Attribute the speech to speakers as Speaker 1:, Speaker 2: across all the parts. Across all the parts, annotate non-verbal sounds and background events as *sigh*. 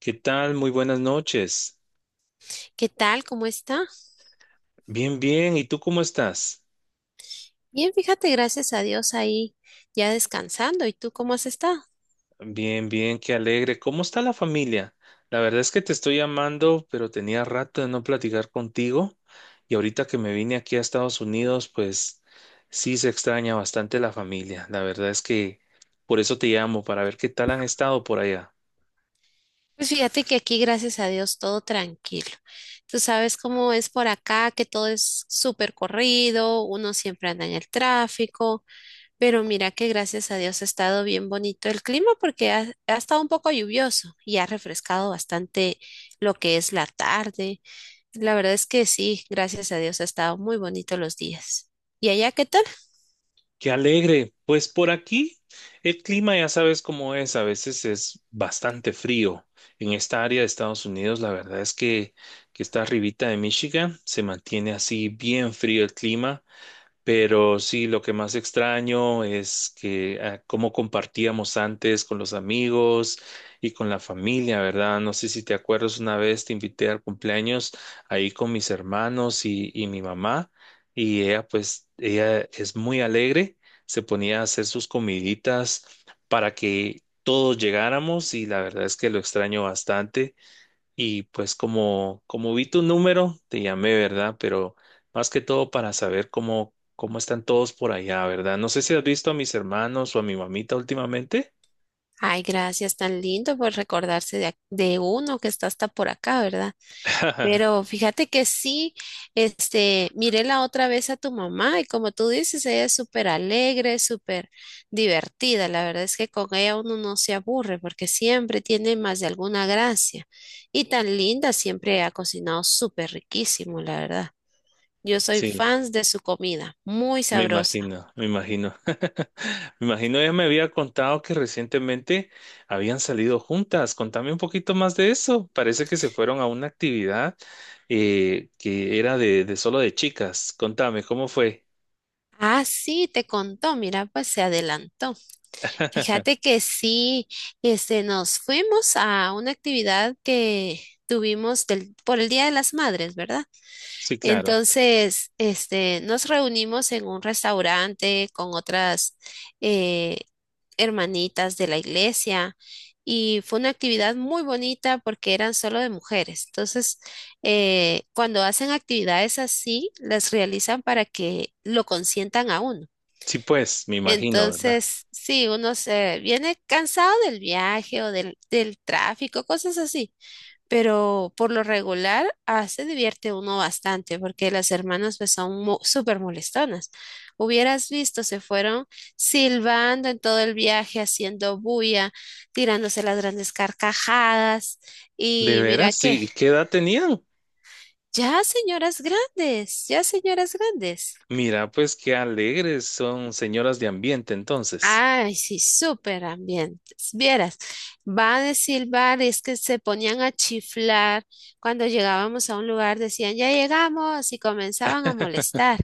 Speaker 1: ¿Qué tal? Muy buenas noches.
Speaker 2: ¿Qué tal? ¿Cómo está?
Speaker 1: Bien, bien. ¿Y tú cómo estás?
Speaker 2: Bien, fíjate, gracias a Dios ahí ya descansando. ¿Y tú cómo has estado?
Speaker 1: Bien, bien, qué alegre. ¿Cómo está la familia? La verdad es que te estoy llamando, pero tenía rato de no platicar contigo. Y ahorita que me vine aquí a Estados Unidos, pues sí se extraña bastante la familia. La verdad es que por eso te llamo, para ver qué tal han estado por allá.
Speaker 2: Pues fíjate que aquí, gracias a Dios, todo tranquilo. Tú sabes cómo es por acá, que todo es súper corrido, uno siempre anda en el tráfico. Pero mira que gracias a Dios ha estado bien bonito el clima porque ha estado un poco lluvioso y ha refrescado bastante lo que es la tarde. La verdad es que sí, gracias a Dios ha estado muy bonito los días. ¿Y allá qué tal?
Speaker 1: Qué alegre. Pues por aquí el clima ya sabes cómo es, a veces es bastante frío. En esta área de Estados Unidos, la verdad es que está arribita de Michigan, se mantiene así bien frío el clima. Pero sí, lo que más extraño es que cómo compartíamos antes con los amigos y con la familia, ¿verdad? No sé si te acuerdas, una vez te invité al cumpleaños ahí con mis hermanos y mi mamá, y ella pues, ella es muy alegre, se ponía a hacer sus comiditas para que todos llegáramos y la verdad es que lo extraño bastante. Y pues como vi tu número, te llamé, ¿verdad? Pero más que todo para saber cómo están todos por allá, ¿verdad? No sé si has visto a mis hermanos o a mi mamita últimamente.
Speaker 2: Ay, gracias, tan lindo por recordarse de, de uno que está hasta por acá, ¿verdad?
Speaker 1: *laughs*
Speaker 2: Pero fíjate que sí, miré la otra vez a tu mamá y como tú dices, ella es súper alegre, súper divertida. La verdad es que con ella uno no se aburre porque siempre tiene más de alguna gracia. Y tan linda, siempre ha cocinado súper riquísimo, la verdad. Yo soy
Speaker 1: Sí,
Speaker 2: fan de su comida, muy
Speaker 1: me
Speaker 2: sabrosa.
Speaker 1: imagino, me imagino. *laughs* Me imagino ella me había contado que recientemente habían salido juntas. Contame un poquito más de eso. Parece que se fueron a una actividad que era de solo de chicas. Contame, ¿cómo fue?
Speaker 2: Ah, sí, te contó, mira, pues se adelantó.
Speaker 1: *laughs*
Speaker 2: Fíjate que sí, nos fuimos a una actividad que tuvimos por el Día de las Madres, ¿verdad?
Speaker 1: Sí, claro.
Speaker 2: Entonces, nos reunimos en un restaurante con otras eh, hermanitas de la iglesia y fue una actividad muy bonita porque eran solo de mujeres. Entonces, cuando hacen actividades así, las realizan para que lo consientan a uno.
Speaker 1: Sí, pues, me imagino, ¿verdad?
Speaker 2: Entonces, sí, uno se viene cansado del viaje o del tráfico, cosas así, pero por lo regular se divierte uno bastante porque las hermanas pues son súper molestonas. Hubieras visto, se fueron silbando en todo el viaje, haciendo bulla, tirándose las grandes carcajadas
Speaker 1: De
Speaker 2: y mira
Speaker 1: veras,
Speaker 2: que,
Speaker 1: sí. ¿Qué edad tenían?
Speaker 2: ya señoras grandes, ya señoras grandes.
Speaker 1: Mira, pues qué alegres son señoras de ambiente entonces.
Speaker 2: Ay, sí, súper ambientes. Vieras, va a decir bares que se ponían a chiflar cuando llegábamos a un lugar, decían, ya llegamos y comenzaban a molestar,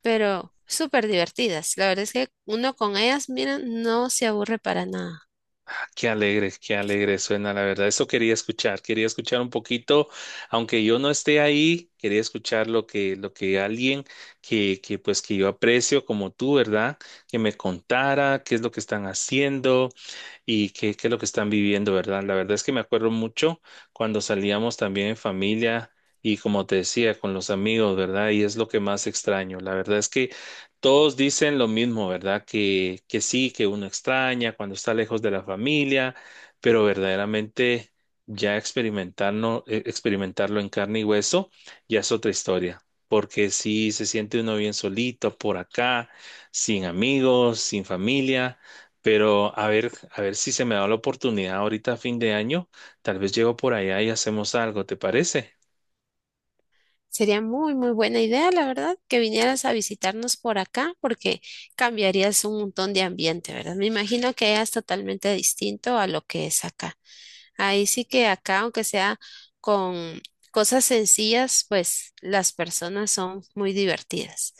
Speaker 2: pero súper divertidas. La verdad es que uno con ellas, mira, no se aburre para nada.
Speaker 1: Ah, qué alegre suena, la verdad. Eso quería escuchar un poquito, aunque yo no esté ahí, quería escuchar lo que alguien que pues que yo aprecio como tú, ¿verdad? Que me contara qué es lo que están haciendo, y qué es lo que están viviendo, ¿verdad? La verdad es que me acuerdo mucho cuando salíamos también en familia y como te decía, con los amigos, ¿verdad? Y es lo que más extraño. La verdad es que todos dicen lo mismo, ¿verdad? Que sí, que uno extraña cuando está lejos de la familia, pero verdaderamente ya experimentarlo, experimentarlo en carne y hueso ya es otra historia. Porque sí se siente uno bien solito por acá, sin amigos, sin familia. Pero a ver si se me da la oportunidad ahorita a fin de año. Tal vez llego por allá y hacemos algo, ¿te parece?
Speaker 2: Sería muy, muy buena idea, la verdad, que vinieras a visitarnos por acá porque cambiarías un montón de ambiente, ¿verdad? Me imagino que es totalmente distinto a lo que es acá. Ahí sí que acá, aunque sea con cosas sencillas, pues las personas son muy divertidas.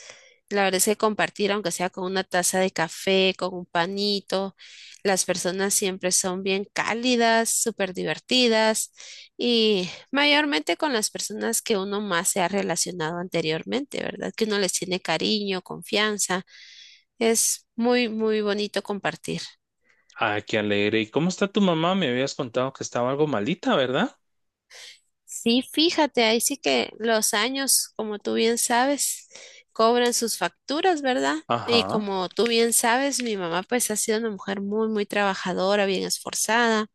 Speaker 2: La verdad es que compartir, aunque sea con una taza de café, con un panito, las personas siempre son bien cálidas, súper divertidas y mayormente con las personas que uno más se ha relacionado anteriormente, ¿verdad? Que uno les tiene cariño, confianza. Es muy, muy bonito compartir.
Speaker 1: Ah, qué alegre. ¿Y cómo está tu mamá? Me habías contado que estaba algo malita, ¿verdad?
Speaker 2: Sí, fíjate, ahí sí que los años, como tú bien sabes, cobran sus facturas, ¿verdad? Y
Speaker 1: Ajá.
Speaker 2: como tú bien sabes, mi mamá pues ha sido una mujer muy, muy trabajadora, bien esforzada.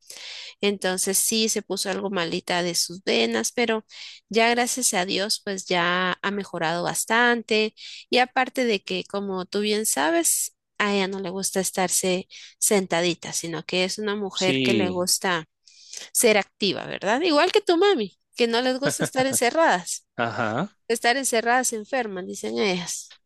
Speaker 2: Entonces sí, se puso algo malita de sus venas, pero ya gracias a Dios pues ya ha mejorado bastante. Y aparte de que, como tú bien sabes, a ella no le gusta estarse sentadita, sino que es una mujer que le
Speaker 1: Sí.
Speaker 2: gusta ser activa, ¿verdad? Igual que tu mami, que no les gusta estar encerradas.
Speaker 1: Ajá.
Speaker 2: Estar encerradas enfermas, dicen ellas.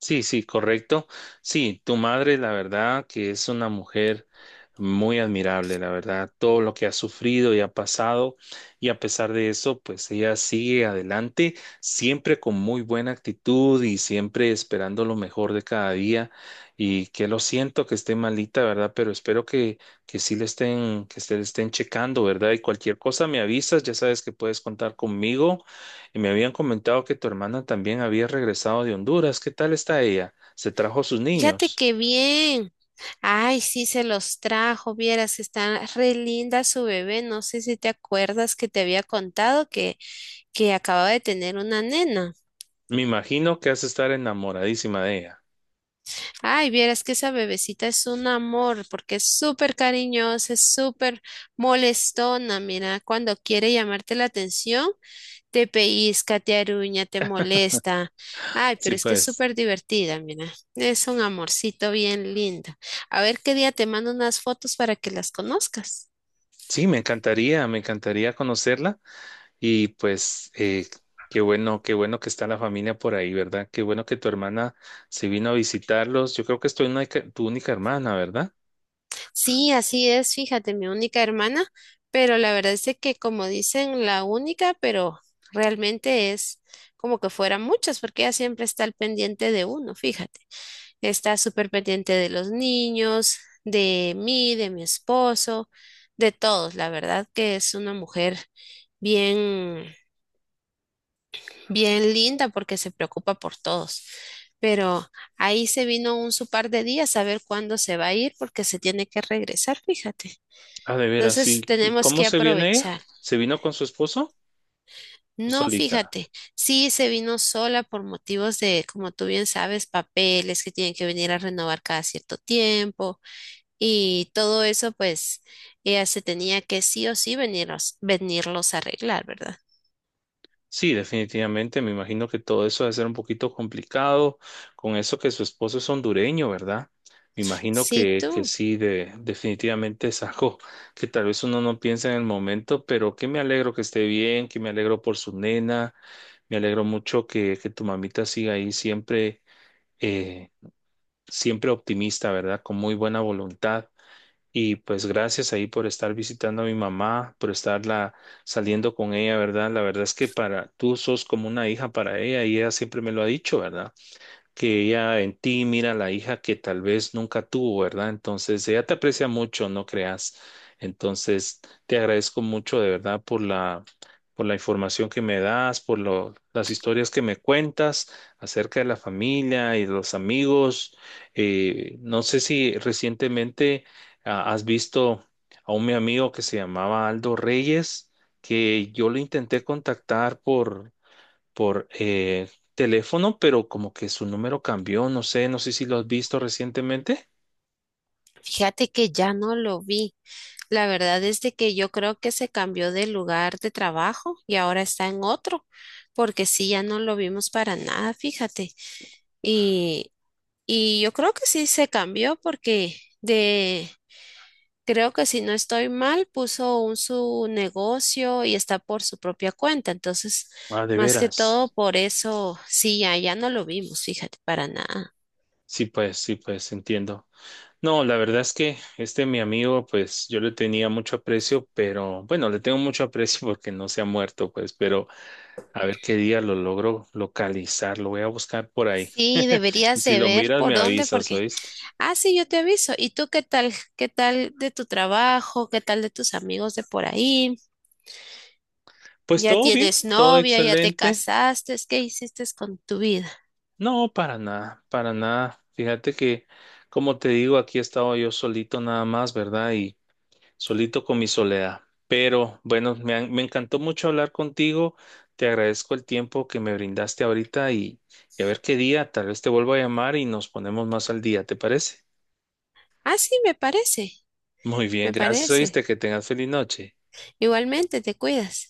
Speaker 1: Sí, sí, correcto. Sí, tu madre, la verdad, que es una mujer muy admirable, la verdad, todo lo que ha sufrido y ha pasado, y a pesar de eso, pues ella sigue adelante, siempre con muy buena actitud y siempre esperando lo mejor de cada día. Y que lo siento que esté malita, ¿verdad? Pero espero que sí le estén, que se le estén checando, ¿verdad? Y cualquier cosa me avisas, ya sabes que puedes contar conmigo. Y me habían comentado que tu hermana también había regresado de Honduras. ¿Qué tal está ella? ¿Se trajo sus
Speaker 2: Fíjate
Speaker 1: niños?
Speaker 2: qué bien. Ay, sí, se los trajo, vieras, que está re linda su bebé. No sé si te acuerdas que te había contado que acababa de tener una nena.
Speaker 1: Me imagino que has de estar enamoradísima de ella.
Speaker 2: Ay, vieras que esa bebecita es un amor, porque es súper cariñosa, es súper molestona. Mira, cuando quiere llamarte la atención, te pellizca, te aruña, te molesta. Ay,
Speaker 1: Sí,
Speaker 2: pero es que es
Speaker 1: pues.
Speaker 2: súper divertida, mira. Es un amorcito bien lindo. A ver qué día te mando unas fotos para que las conozcas.
Speaker 1: Sí, me encantaría conocerla. Y pues, qué bueno que está la familia por ahí, ¿verdad? Qué bueno que tu hermana se vino a visitarlos. Yo creo que es tu única hermana, ¿verdad?
Speaker 2: Sí, así es, fíjate, mi única hermana, pero la verdad es de que como dicen, la única, pero realmente es como que fueran muchas, porque ella siempre está al pendiente de uno, fíjate. Está súper pendiente de los niños, de mí, de mi esposo, de todos. La verdad que es una mujer bien, bien linda porque se preocupa por todos. Pero ahí se vino un su par de días a ver cuándo se va a ir porque se tiene que regresar, fíjate.
Speaker 1: Ah, de veras, sí.
Speaker 2: Entonces
Speaker 1: ¿Y
Speaker 2: tenemos
Speaker 1: cómo
Speaker 2: que
Speaker 1: se viene ella?
Speaker 2: aprovechar.
Speaker 1: ¿Se vino con su esposo o
Speaker 2: No,
Speaker 1: solita?
Speaker 2: fíjate, sí se vino sola por motivos de, como tú bien sabes, papeles que tienen que venir a renovar cada cierto tiempo. Y todo eso, pues, ella se tenía que sí o sí venirlos, a arreglar, ¿verdad?
Speaker 1: Sí, definitivamente, me imagino que todo eso debe ser un poquito complicado, con eso que su esposo es hondureño, ¿verdad? Me imagino
Speaker 2: Sí,
Speaker 1: que
Speaker 2: tú.
Speaker 1: sí, de, definitivamente es algo *laughs* que tal vez uno no piensa en el momento, pero que me alegro que esté bien, que me alegro por su nena, me alegro mucho que tu mamita siga ahí siempre, eh, siempre optimista, ¿verdad? Con muy buena voluntad. Y pues gracias ahí por estar visitando a mi mamá, por estarla saliendo con ella, ¿verdad? La verdad es que para tú sos como una hija para ella y ella siempre me lo ha dicho, ¿verdad? Que ella en ti mira la hija que tal vez nunca tuvo, ¿verdad? Entonces, ella te aprecia mucho, no creas. Entonces, te agradezco mucho de verdad por la información que me das, por lo- las historias que me cuentas acerca de la familia y de los amigos. No sé si recientemente has visto a un mi amigo que se llamaba Aldo Reyes, que yo lo intenté contactar por teléfono, pero como que su número cambió, no sé, no sé si lo has visto recientemente.
Speaker 2: Fíjate que ya no lo vi. La verdad es de que yo creo que se cambió de lugar de trabajo y ahora está en otro, porque sí, ya no lo vimos para nada, fíjate. Y, y yo creo que sí se cambió porque de, creo que si no estoy mal, puso un su negocio y está por su propia cuenta. Entonces,
Speaker 1: Ah, de
Speaker 2: más que
Speaker 1: veras.
Speaker 2: todo por eso, sí, ya no lo vimos, fíjate, para nada.
Speaker 1: Sí, pues, entiendo. No, la verdad es que este mi amigo, pues yo le tenía mucho aprecio, pero bueno, le tengo mucho aprecio *laughs* porque no se ha muerto, pues, pero a ver qué día lo logro localizar, lo voy a buscar por ahí.
Speaker 2: Sí,
Speaker 1: *laughs* Y
Speaker 2: deberías
Speaker 1: si
Speaker 2: de
Speaker 1: lo
Speaker 2: ver
Speaker 1: miras,
Speaker 2: por
Speaker 1: me
Speaker 2: dónde,
Speaker 1: avisas,
Speaker 2: porque,
Speaker 1: ¿oíste?
Speaker 2: ah, sí, yo te aviso. ¿Y tú qué tal? ¿Qué tal de tu trabajo? ¿Qué tal de tus amigos de por ahí?
Speaker 1: Pues
Speaker 2: ¿Ya
Speaker 1: todo bien,
Speaker 2: tienes
Speaker 1: todo
Speaker 2: novia? ¿Ya te
Speaker 1: excelente.
Speaker 2: casaste? ¿Qué hiciste con tu vida?
Speaker 1: No, para nada, para nada. Fíjate que, como te digo, aquí he estado yo solito nada más, ¿verdad? Y solito con mi soledad. Pero bueno, me encantó mucho hablar contigo. Te agradezco el tiempo que me brindaste ahorita y a ver qué día, tal vez te vuelvo a llamar y nos ponemos más al día, ¿te parece?
Speaker 2: Ah, sí, me parece,
Speaker 1: Muy bien,
Speaker 2: me
Speaker 1: gracias, oíste,
Speaker 2: parece.
Speaker 1: que tengas feliz noche.
Speaker 2: Igualmente, te cuidas.